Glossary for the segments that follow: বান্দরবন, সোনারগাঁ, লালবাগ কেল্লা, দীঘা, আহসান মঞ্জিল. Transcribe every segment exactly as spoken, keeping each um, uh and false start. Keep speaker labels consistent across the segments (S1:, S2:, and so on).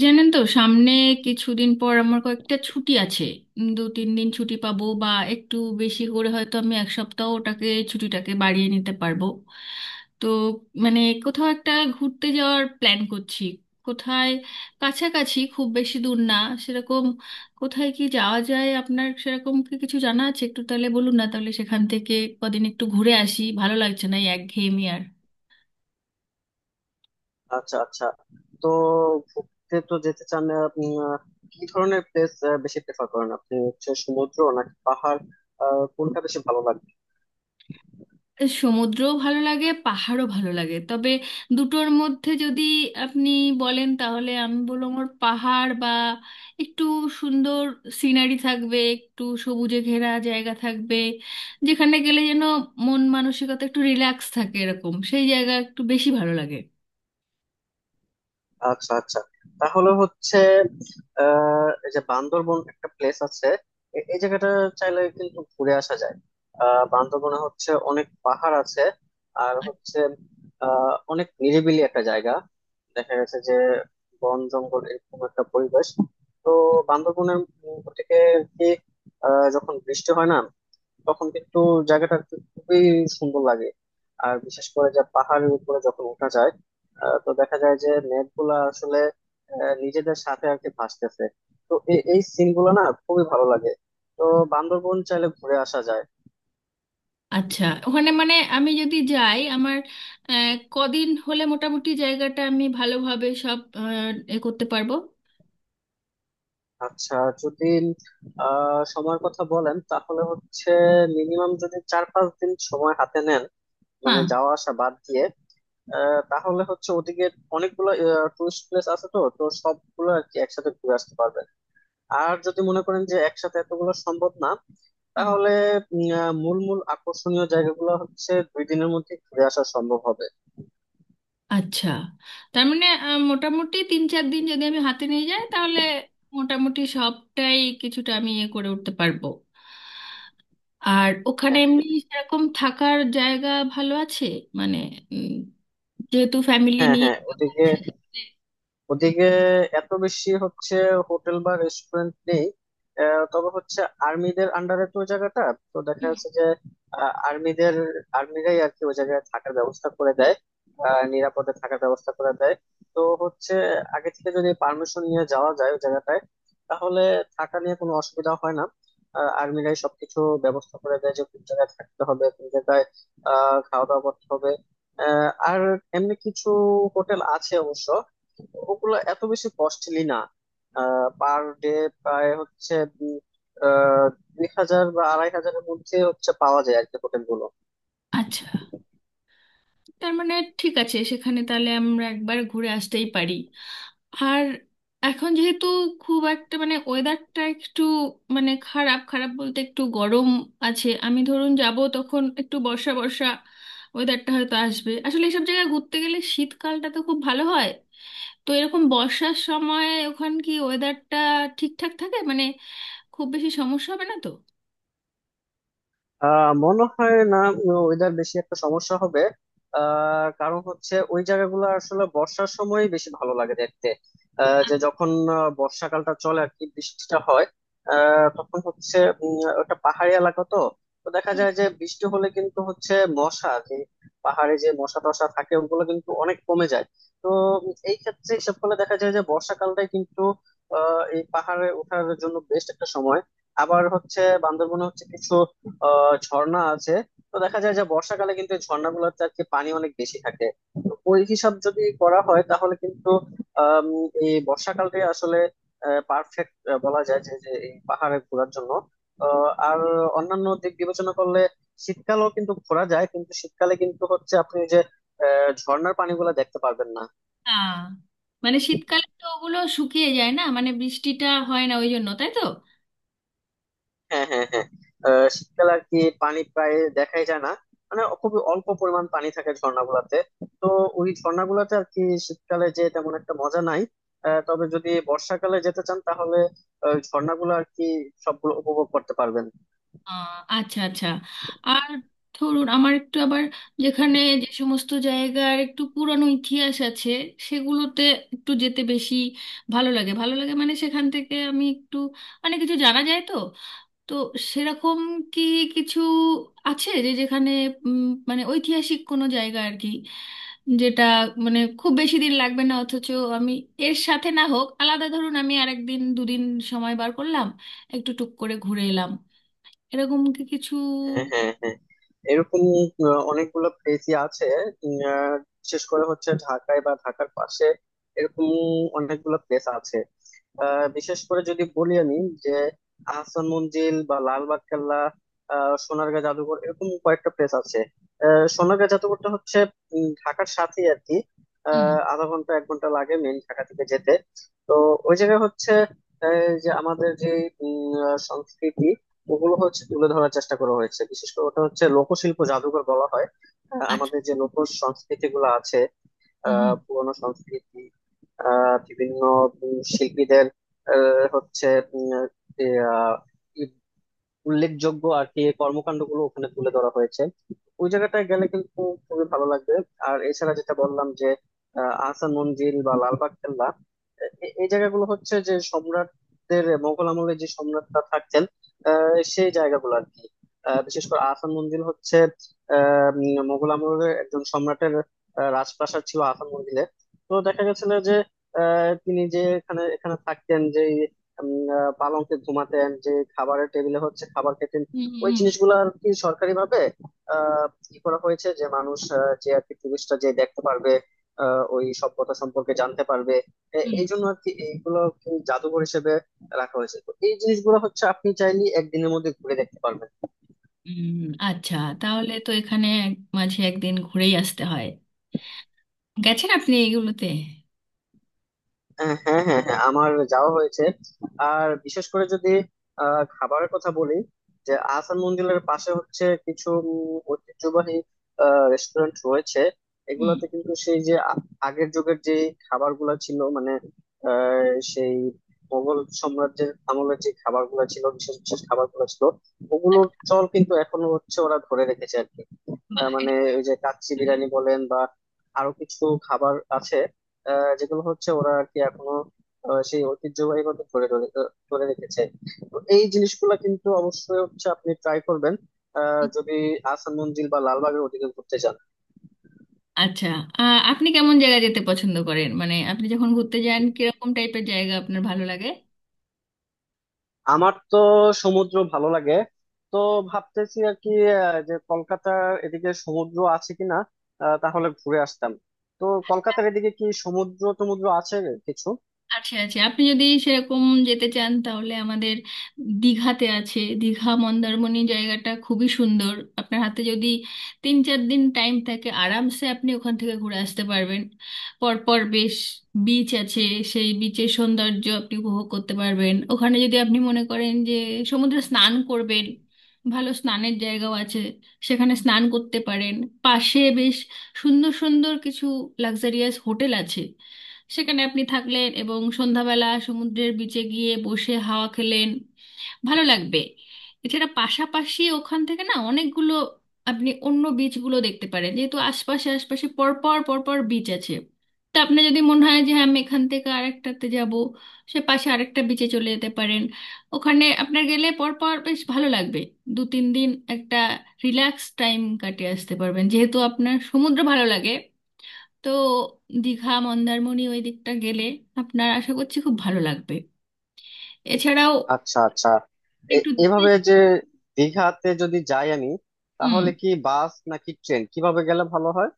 S1: জানেন তো, সামনে কিছুদিন পর আমার কয়েকটা ছুটি আছে। উম, দু তিন দিন ছুটি পাবো, বা একটু বেশি করে হয়তো আমি এক সপ্তাহ ওটাকে ছুটিটাকে বাড়িয়ে নিতে পারবো। তো মানে কোথাও একটা ঘুরতে যাওয়ার প্ল্যান করছি। কোথায় কাছাকাছি, খুব বেশি দূর না সেরকম। কোথায় কি যাওয়া যায়, আপনার সেরকম কি কিছু জানা আছে? একটু তাহলে বলুন না, তাহলে সেখান থেকে কদিন একটু ঘুরে আসি। ভালো লাগছে না এই একঘেয়েমি আর।
S2: আচ্ছা, আচ্ছা। তো ঘুরতে তো যেতে চান আপনি। আহ, কি ধরনের প্লেস বেশি প্রেফার করেন আপনি, হচ্ছে সমুদ্র নাকি পাহাড়? আহ, কোনটা বেশি ভালো লাগে?
S1: সমুদ্রও ভালো লাগে, পাহাড়ও ভালো লাগে, তবে দুটোর মধ্যে যদি আপনি বলেন তাহলে আমি বলবো আমার পাহাড়, বা একটু সুন্দর সিনারি থাকবে, একটু সবুজে ঘেরা জায়গা থাকবে, যেখানে গেলে যেন মন মানসিকতা একটু রিল্যাক্স থাকে, এরকম সেই জায়গা একটু বেশি ভালো লাগে।
S2: আচ্ছা, আচ্ছা। তাহলে হচ্ছে, আহ এই যে বান্দরবন একটা প্লেস আছে, এ- এই জায়গাটা চাইলে কিন্তু ঘুরে আসা যায়। আহ বান্দরবনে হচ্ছে অনেক পাহাড় আছে। আর হচ্ছে আহ অনেক নিরিবিলি একটা জায়গা। দেখা গেছে যে বন জঙ্গল, এরকম একটা পরিবেশ। তো বান্দরবনের উম, থেকে আর কি, আহ যখন বৃষ্টি হয় না তখন কিন্তু জায়গাটা আর কি খুবই সুন্দর লাগে। আর বিশেষ করে যে পাহাড়ের উপরে যখন উঠা যায়, আহ, তো দেখা যায় যে মেঘগুলা আসলে আহ, নিজেদের সাথে আর কি ভাসতেছে। তো এ- এই সিন গুলো না খুবই ভালো লাগে। তো বান্দরবন চাইলে ঘুরে আসা যায়।
S1: আচ্ছা, ওখানে মানে আমি যদি যাই আমার আহ, কদিন হলে মোটামুটি জায়গাটা আমি ভালোভাবে সব আহ, এ করতে পারবো?
S2: আচ্ছা। যদি আহ সময়ের কথা বলেন তাহলে হচ্ছে, মিনিমাম যদি চার পাঁচ দিন সময় হাতে নেন, মানে
S1: হ্যাঁ।
S2: যাওয়া আসা বাদ দিয়ে, আহ, তাহলে হচ্ছে ওদিকে অনেকগুলো টুরিস্ট প্লেস আছে, তো তো সবগুলো আর কি একসাথে ঘুরে আসতে পারবেন। আর যদি মনে করেন যে একসাথে এতগুলো সম্ভব না, তাহলে উম, আহ, মূল মূল আকর্ষণীয় জায়গাগুলো হচ্ছে দুই দিনের মধ্যে ঘুরে আসা সম্ভব হবে।
S1: আচ্ছা, তার মানে আহ, মোটামুটি তিন চার দিন যদি আমি হাতে নিয়ে যাই তাহলে মোটামুটি সবটাই কিছুটা আমি ইয়ে করে উঠতে পারবো। আর ওখানে
S2: হ্যাঁ,
S1: এমনি সেরকম থাকার জায়গা ভালো আছে? মানে উম, যেহেতু ফ্যামিলি
S2: হ্যাঁ,
S1: নিয়ে
S2: হ্যাঁ।
S1: এরকম-
S2: ওদিকে ওদিকে এত বেশি হচ্ছে হোটেল বা রেস্টুরেন্ট নেই। আহ, তবে হচ্ছে আর্মিদের আন্ডারে তো ওই জায়গাটা। তো দেখা
S1: হুম।
S2: যাচ্ছে যে আহ, আর্মিদের আর্মিরাই আর কি ওই জায়গায় থাকার ব্যবস্থা করে দেয়, আহ, নিরাপদে থাকার ব্যবস্থা করে দেয়। তো হচ্ছে, আগে থেকে যদি পারমিশন নিয়ে যাওয়া যায় ওই জায়গাটায়, তাহলে থাকা নিয়ে কোনো অসুবিধা হয় না। আহ, আর্মিরাই সবকিছু ব্যবস্থা করে দেয়, যে কোন জায়গায় থাকতে হবে, কোন জায়গায় আহ খাওয়া দাওয়া করতে হবে। আহ, আর এমনি কিছু হোটেল আছে অবশ্য। ওগুলো এত বেশি কস্টলি না। পার ডে প্রায় হচ্ছে দুই আহ, দুই হাজার বা আড়াই হাজারের মধ্যে হচ্ছে পাওয়া যায় আর কি হোটেল গুলো।
S1: আচ্ছা, তার মানে ঠিক আছে, সেখানে তাহলে আমরা একবার ঘুরে আসতেই পারি। আর এখন যেহেতু খুব একটা মানে ওয়েদারটা একটু মানে খারাপ, খারাপ বলতে একটু গরম আছে, আমি ধরুন যাব তখন একটু বর্ষা বর্ষা ওয়েদারটা হয়তো আসবে। আসলে এসব জায়গায় ঘুরতে গেলে শীতকালটা তো খুব ভালো হয়, তো এরকম বর্ষার সময় ওখান কি ওয়েদারটা ঠিকঠাক থাকে মানে, খুব বেশি সমস্যা হবে না তো?
S2: আহ মনে হয় না ওয়েদার বেশি একটা সমস্যা হবে। আহ কারণ হচ্ছে ওই জায়গাগুলো আসলে বর্ষার সময় বেশি ভালো লাগে দেখতে। আহ,
S1: আ-
S2: যে যখন আহ, বর্ষাকালটা চলে আর কি বৃষ্টিটা হয়, আহ, তখন হচ্ছে উম, ওটা পাহাড়ি এলাকা তো। তো দেখা
S1: হুম।
S2: যায় যে বৃষ্টি হলে কিন্তু হচ্ছে মশা যে পাহাড়ে যে মশা টশা থাকে ওগুলো কিন্তু অনেক কমে যায়। তো উম, এই ক্ষেত্রে হিসাব করলে দেখা যায় যে বর্ষাকালটাই কিন্তু আহ এই পাহাড়ে ওঠার জন্য বেস্ট একটা সময়। আবার হচ্ছে, বান্দরবনে হচ্ছে কিছু আহ ঝর্ণা আছে। তো দেখা যায় যে বর্ষাকালে কিন্তু এই ঝর্ণা গুলোতে আর কি পানি অনেক বেশি থাকে। তো ওই হিসাব যদি করা হয় তাহলে কিন্তু, আম, এই বর্ষাকালটাই আসলে পারফেক্ট বলা যায় যে যে এই পাহাড়ে ঘোরার জন্য। আহ, আর অন্যান্য দিক বিবেচনা করলে শীতকালেও কিন্তু ঘোরা যায়, কিন্তু শীতকালে কিন্তু হচ্ছে আপনি যে আহ, ঝর্ণার পানিগুলো দেখতে পারবেন না।
S1: না, মানে শীতকালে তো ওগুলো শুকিয়ে যায় না, মানে বৃষ্টিটা হয় না ওই জন্য, তাই তো?
S2: হ্যাঁ, হ্যাঁ, হ্যাঁ। আহ, শীতকালে আর কি পানি প্রায় দেখাই যায় না, মানে খুবই অল্প পরিমাণ পানি থাকে ঝর্ণাগুলাতে। তো ওই ঝর্ণাগুলাতে আর কি শীতকালে যে তেমন একটা মজা নাই। আহ, তবে যদি বর্ষাকালে যেতে চান, তাহলে আহ, ওই ঝর্ণাগুলো আর কি সবগুলো উপভোগ করতে পারবেন।
S1: আহ, আচ্ছা আচ্ছা। আর ধরুন আমার একটু আবার, যেখানে যে সমস্ত জায়গার একটু পুরানো ইতিহাস আছে সেগুলোতে একটু যেতে বেশি ভালো লাগে, ভালো লাগে মানে সেখান থেকে আমি একটু মানে কিছু জানা যায় তো। তো সেরকম কি কিছু আছে যে যেখানে উম, মানে ঐতিহাসিক কোনো জায়গা আর কি, যেটা মানে খুব বেশি দিন লাগবে না, অথচ আমি এর সাথে না হোক আলাদা, ধরুন আমি আরেকদিন দুদিন সময় বার করলাম, একটু টুক করে ঘুরে এলাম, এরকম কি কিছু?
S2: হ্যাঁ, হ্যাঁ, হ্যাঁ। এরকম আহ, অনেকগুলো প্লেসই আছে। উম, আহ, বিশেষ করে হচ্ছে ঢাকায় বা ঢাকার পাশে এরকম অনেকগুলো প্লেস আছে। আহ বিশেষ করে যদি বলি আমি, যে আহসান মঞ্জিল বা লালবাগ কেল্লা, আহ সোনারগাঁ জাদুঘর, এরকম কয়েকটা প্লেস আছে। আহ সোনারগাঁ জাদুঘরটা হচ্ছে উম, ঢাকার সাথেই আর কি।
S1: হুম।
S2: আহ আধা ঘন্টা এক ঘন্টা লাগে মেইন ঢাকা থেকে যেতে। তো ওই জায়গায় হচ্ছে আহ, যে আমাদের যে উম, আহ, সংস্কৃতি, ওগুলো হচ্ছে তুলে ধরার চেষ্টা করা হয়েছে। বিশেষ করে ওটা হচ্ছে লোকশিল্প জাদুঘর বলা হয়। আহ,
S1: আচ্ছা।
S2: আমাদের যে লোক সংস্কৃতি গুলো আছে, আহ
S1: হুম,
S2: পুরনো সংস্কৃতি, আহ বিভিন্ন উম শিল্পীদের আহ, হচ্ছে উম, আহ, উল্লেখযোগ্য আর কি এই কর্মকাণ্ডগুলো ওখানে তুলে ধরা হয়েছে। ওই জায়গাটায় গেলে কিন্তু খুবই ভালো লাগবে। আর এছাড়া যেটা বললাম, যে আহ, আহসান মঞ্জিল বা লালবাগ কেল্লা, এ- এ- এই জায়গাগুলো হচ্ছে যে সম্রাটদের, মোগল আমলে যে সম্রাটরা থাকতেন। আহ, সেই জায়গাগুলো আর কি। আহ, বিশেষ করে আহসান মঞ্জিল হচ্ছে আহ, উম, মোগল আমলের একজন সম্রাটের আহ, রাজপ্রাসাদ ছিল আহসান মঞ্জিলে। তো দেখা গেছিল যে আহ, তিনি যে এখানে এখানে থাকতেন, যে উম, আহ, পালঙ্কে ঘুমাতেন, যে খাবারের টেবিলে হচ্ছে খাবার খেতেন।
S1: হুম,
S2: ওই
S1: হুম,
S2: জিনিসগুলো আর কি সরকারি ভাবে আহ কি করা হয়েছে যে মানুষ, আহ, যে আর কি টুরিস্টরা যে দেখতে পারবে, আহ, ওই সভ্যতা সম্পর্কে জানতে পারবে। এ-
S1: হুম।
S2: এই জন্য আর কি এইগুলো কি জাদুঘর হিসেবে রাখা হয়েছে। তো এই জিনিসগুলো হচ্ছে আপনি চাইলে একদিনের মধ্যে ঘুরে দেখতে পারবেন।
S1: হুম, হুম। আচ্ছা, তাহলে তো এখানে এক- মাঝে একদিন ঘুরেই আসতে হয়। গেছেন আপনি এইগুলোতে?
S2: আহ হ্যাঁ, হ্যাঁ, হ্যাঁ। আমার যাওয়া হয়েছে। আর বিশেষ করে যদি আহ, খাবারের কথা বলি, যে আহসান মঞ্জিলের পাশে হচ্ছে কিছু উম, ঐতিহ্যবাহী রেস্টুরেন্ট রয়েছে।
S1: হুম।
S2: এগুলোতে কিন্তু সেই যে আ- আগের যুগের যে খাবারগুলো ছিল, মানে আহ, সেই মোগল সাম্রাজ্যের আমলের যে খাবারগুলো ছিল, বিশেষ বিশেষ খাবারগুলো ছিল, ওগুলোর চল কিন্তু এখনো হচ্ছে ওরা ধরে রেখেছে। আহ
S1: বাহ,
S2: মানে
S1: এটা
S2: ওই যে কাচ্চি
S1: ভালো।
S2: বিরিয়ানি বলেন, বা আরো কিছু খাবার আছে, আহ যেগুলো হচ্ছে ওরা আর কি এখনো আহ সেই ঐতিহ্যবাহী মতো ধরে ধরে ধরে রেখেছে। তো এই জিনিসগুলা কিন্তু অবশ্যই হচ্ছে আপনি ট্রাই করবেন, আহ
S1: হুম।
S2: যদি আসান মঞ্জিল বা লালবাগের ওদিকে ঘুরতে যান।
S1: আচ্ছা, আহ, আপনি কেমন জায়গা যেতে পছন্দ করেন, মানে আপনি যখন ঘুরতে যান কিরকম টাইপের জায়গা আপনার ভালো লাগে?
S2: আমার তো সমুদ্র ভালো লাগে। তো ভাবতেছি আর কি আহ, যে কলকাতার এদিকে সমুদ্র আছে কিনা, আহ, তাহলে ঘুরে আসতাম। তো কলকাতার এদিকে কি সমুদ্র টমুদ্র আছে কিছু?
S1: আছে আছে। আপনি যদি সেরকম যেতে চান তাহলে আমাদের দীঘাতে আছে, দীঘা মন্দারমণি জায়গাটা খুবই সুন্দর। আপনার হাতে যদি তিন চার দিন টাইম থাকে আরামসে আপনি ওখান থেকে ঘুরে আসতে পারবেন। পরপর বেশ বিচ আছে, সেই বিচের সৌন্দর্য আপনি উপভোগ করতে পারবেন। ওখানে যদি আপনি মনে করেন যে সমুদ্রে স্নান করবেন, ভালো স্নানের জায়গাও আছে, সেখানে স্নান করতে পারেন। পাশে বেশ সুন্দর সুন্দর কিছু লাক্সারিয়াস হোটেল আছে, সেখানে আপনি থাকলেন এবং সন্ধ্যাবেলা সমুদ্রের বিচে গিয়ে বসে হাওয়া খেলেন, ভালো লাগবে। এছাড়া পাশাপাশি ওখান থেকে না অনেকগুলো, আপনি অন্য বিচগুলো দেখতে পারেন, যেহেতু আশপাশে আশপাশে পরপর পরপর বিচ আছে। তো আপনার যদি মনে হয় যে হ্যাঁ আমি এখান থেকে আরেকটাতে যাব, সে পাশে আরেকটা বিচে চলে যেতে পারেন। ওখানে আপনার গেলে পরপর বেশ ভালো লাগবে। দু তিন দিন একটা রিল্যাক্স টাইম কাটিয়ে আসতে পারবেন, যেহেতু আপনার সমুদ্র ভালো লাগে। তো দীঘা মন্দারমণি ওই দিকটা গেলে আপনার আশা করছি খুব ভালো লাগবে। এছাড়াও
S2: আচ্ছা, আচ্ছা। এ-
S1: একটু।
S2: এভাবে যে দীঘাতে যদি যাই আমি,
S1: হুম।
S2: তাহলে কি বাস নাকি ট্রেন, কিভাবে গেলে ভালো হয়?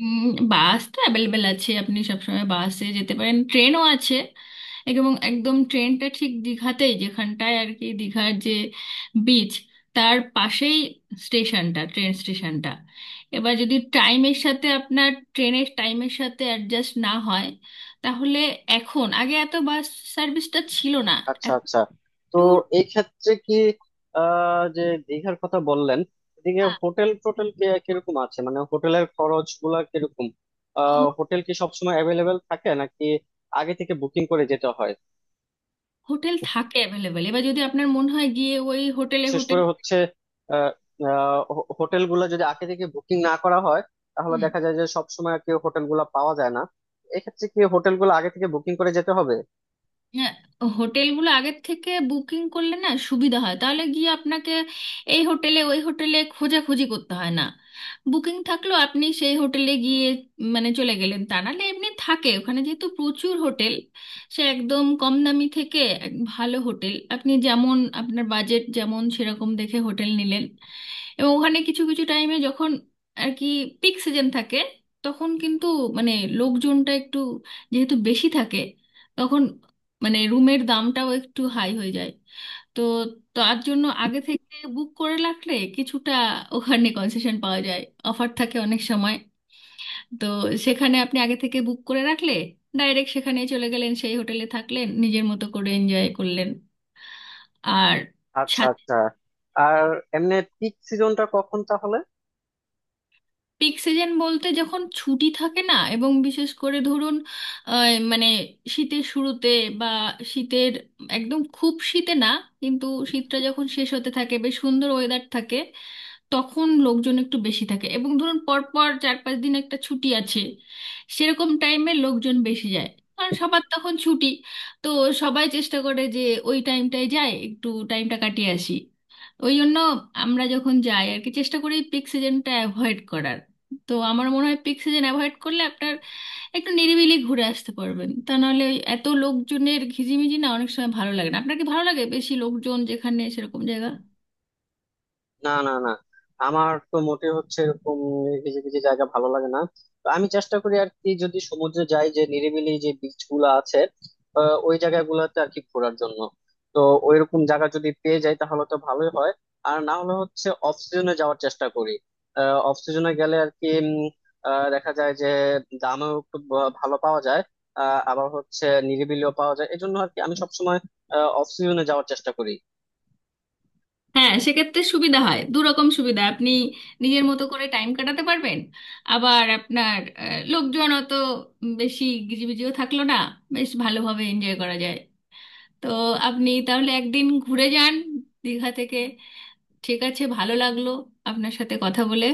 S1: উম, বাস তো অ্যাভেলেবেল আছে, আপনি সবসময় বাসে যেতে পারেন, ট্রেনও আছে। এবং একদম ট্রেনটা ঠিক দীঘাতেই, যেখানটায় আর কি দীঘার যে বিচ তার পাশেই স্টেশনটা, ট্রেন স্টেশনটা। এবার যদি টাইমের সাথে, আপনার ট্রেনের টাইমের সাথে অ্যাডজাস্ট না হয়, তাহলে এখন, আগে এত বাস সার্ভিসটা ছিল না,
S2: আচ্ছা,
S1: এখন
S2: আচ্ছা। তো
S1: প্রচুর।
S2: এই ক্ষেত্রে কি, আহ যে দীঘার কথা বললেন, এদিকে হোটেল টোটেল কে- কিরকম আছে, মানে হোটেলের খরচ গুলা কিরকম? আহ হোটেল কি সবসময় অ্যাভেলেবেল থাকে নাকি আগে থেকে বুকিং করে যেতে হয়?
S1: হোটেল থাকে অ্যাভেলেবেল। এবার যদি আপনার মনে হয় গিয়ে ওই হোটেলে
S2: বিশেষ
S1: হোটেল
S2: করে হচ্ছে, হোটেল গুলো যদি আগে থেকে বুকিং না করা হয় তাহলে
S1: হুম।
S2: দেখা যায় যে সব সময় আর কি হোটেল গুলা পাওয়া যায় না। এক্ষেত্রে কি হোটেল গুলো আগে থেকে বুকিং করে যেতে হবে?
S1: হ্যাঁ, হোটেলগুলো আগের থেকে বুকিং করলে না সুবিধা হয়, তাহলে গিয়ে আপনাকে এই হোটেলে ওই হোটেলে খোঁজাখুঁজি করতে হয় না। বুকিং থাকলো, আপনি সেই হোটেলে গিয়ে মানে চলে গেলেন। তা নাহলে এমনি থাকে ওখানে যেহেতু প্রচুর হোটেল, সে একদম কম দামি থেকে এক ভালো হোটেল, আপনি যেমন আপনার বাজেট যেমন সেরকম দেখে হোটেল নিলেন। এবং ওখানে কিছু কিছু টাইমে যখন আর কি পিক সিজন থাকে, তখন কিন্তু মানে লোকজনটা একটু যেহেতু বেশি থাকে, তখন মানে রুমের দামটাও একটু হাই হয়ে যায়। তো তার জন্য আগে থেকে বুক করে রাখলে কিছুটা ওখানে কনসেশন পাওয়া যায়, অফার থাকে অনেক সময়। তো সেখানে আপনি আগে থেকে বুক করে রাখলে ডাইরেক্ট সেখানে চলে গেলেন, সেই হোটেলে থাকলেন নিজের মতো করে এনজয় করলেন। আর
S2: আচ্ছা, আচ্ছা। আর এমনি পিক সিজনটা কখন তাহলে?
S1: পিক সিজন বলতে যখন ছুটি থাকে না, এবং বিশেষ করে ধরুন আহ, মানে শীতের শুরুতে, বা শীতের একদম খুব শীতে না কিন্তু শীতটা যখন শেষ হতে থাকে বেশ সুন্দর ওয়েদার থাকে, তখন লোকজন একটু বেশি থাকে। এবং ধরুন পরপর চার পাঁচ দিন একটা ছুটি আছে, সেরকম টাইমে লোকজন বেশি যায়, কারণ সবার তখন ছুটি। তো সবাই চেষ্টা করে যে ওই টাইমটায় যায়, একটু টাইমটা কাটিয়ে আসি। ওই জন্য আমরা যখন যাই আর কি, চেষ্টা করি পিক সিজনটা অ্যাভয়েড করার। তো আমার মনে হয় পিক সিজন অ্যাভয়েড করলে আপনার একটু নিরিবিলি ঘুরে আসতে পারবেন, তা নাহলে ওই এত লোকজনের ঘিজিমিজি না অনেক সময় ভালো লাগে না। আপনার কি ভালো লাগে বেশি লোকজন যেখানে সেরকম জায়গা?
S2: না, না, না। আমার তো মোটে হচ্ছে এরকম ভিজে ভিজে জায়গা ভালো লাগে না। তো আমি চেষ্টা করি আর কি, যদি সমুদ্রে যাই, যে নিরিবিলি যে বিচ গুলা আছে, আহ, ওই জায়গাগুলোতে আর কি ঘোরার জন্য। তো ওইরকম জায়গা যদি পেয়ে যাই তাহলে তো ভালোই হয়। আর না হলে হচ্ছে অফ সিজনে যাওয়ার চেষ্টা করি। অফ সিজনে গেলে আর কি উম, আহ, দেখা যায় যে দামও একটু ব- ভালো পাওয়া যায়। আহ, আবার হচ্ছে নিরিবিলিও পাওয়া যায়, এজন্য আর কি আমি সবসময় অফ সিজনে যাওয়ার চেষ্টা করি।
S1: হ্যাঁ, সেক্ষেত্রে সুবিধা হয়, দু রকম সুবিধা। আপনি নিজের মতো করে টাইম কাটাতে পারবেন, আবার আপনার আহ, লোকজন অত বেশি গিজিবিজিও থাকলো না, বেশ ভালোভাবে এনজয় করা যায়। তো আপনি তাহলে একদিন ঘুরে যান দীঘা থেকে। ঠিক আছে, ভালো লাগলো আপনার সাথে কথা বলে।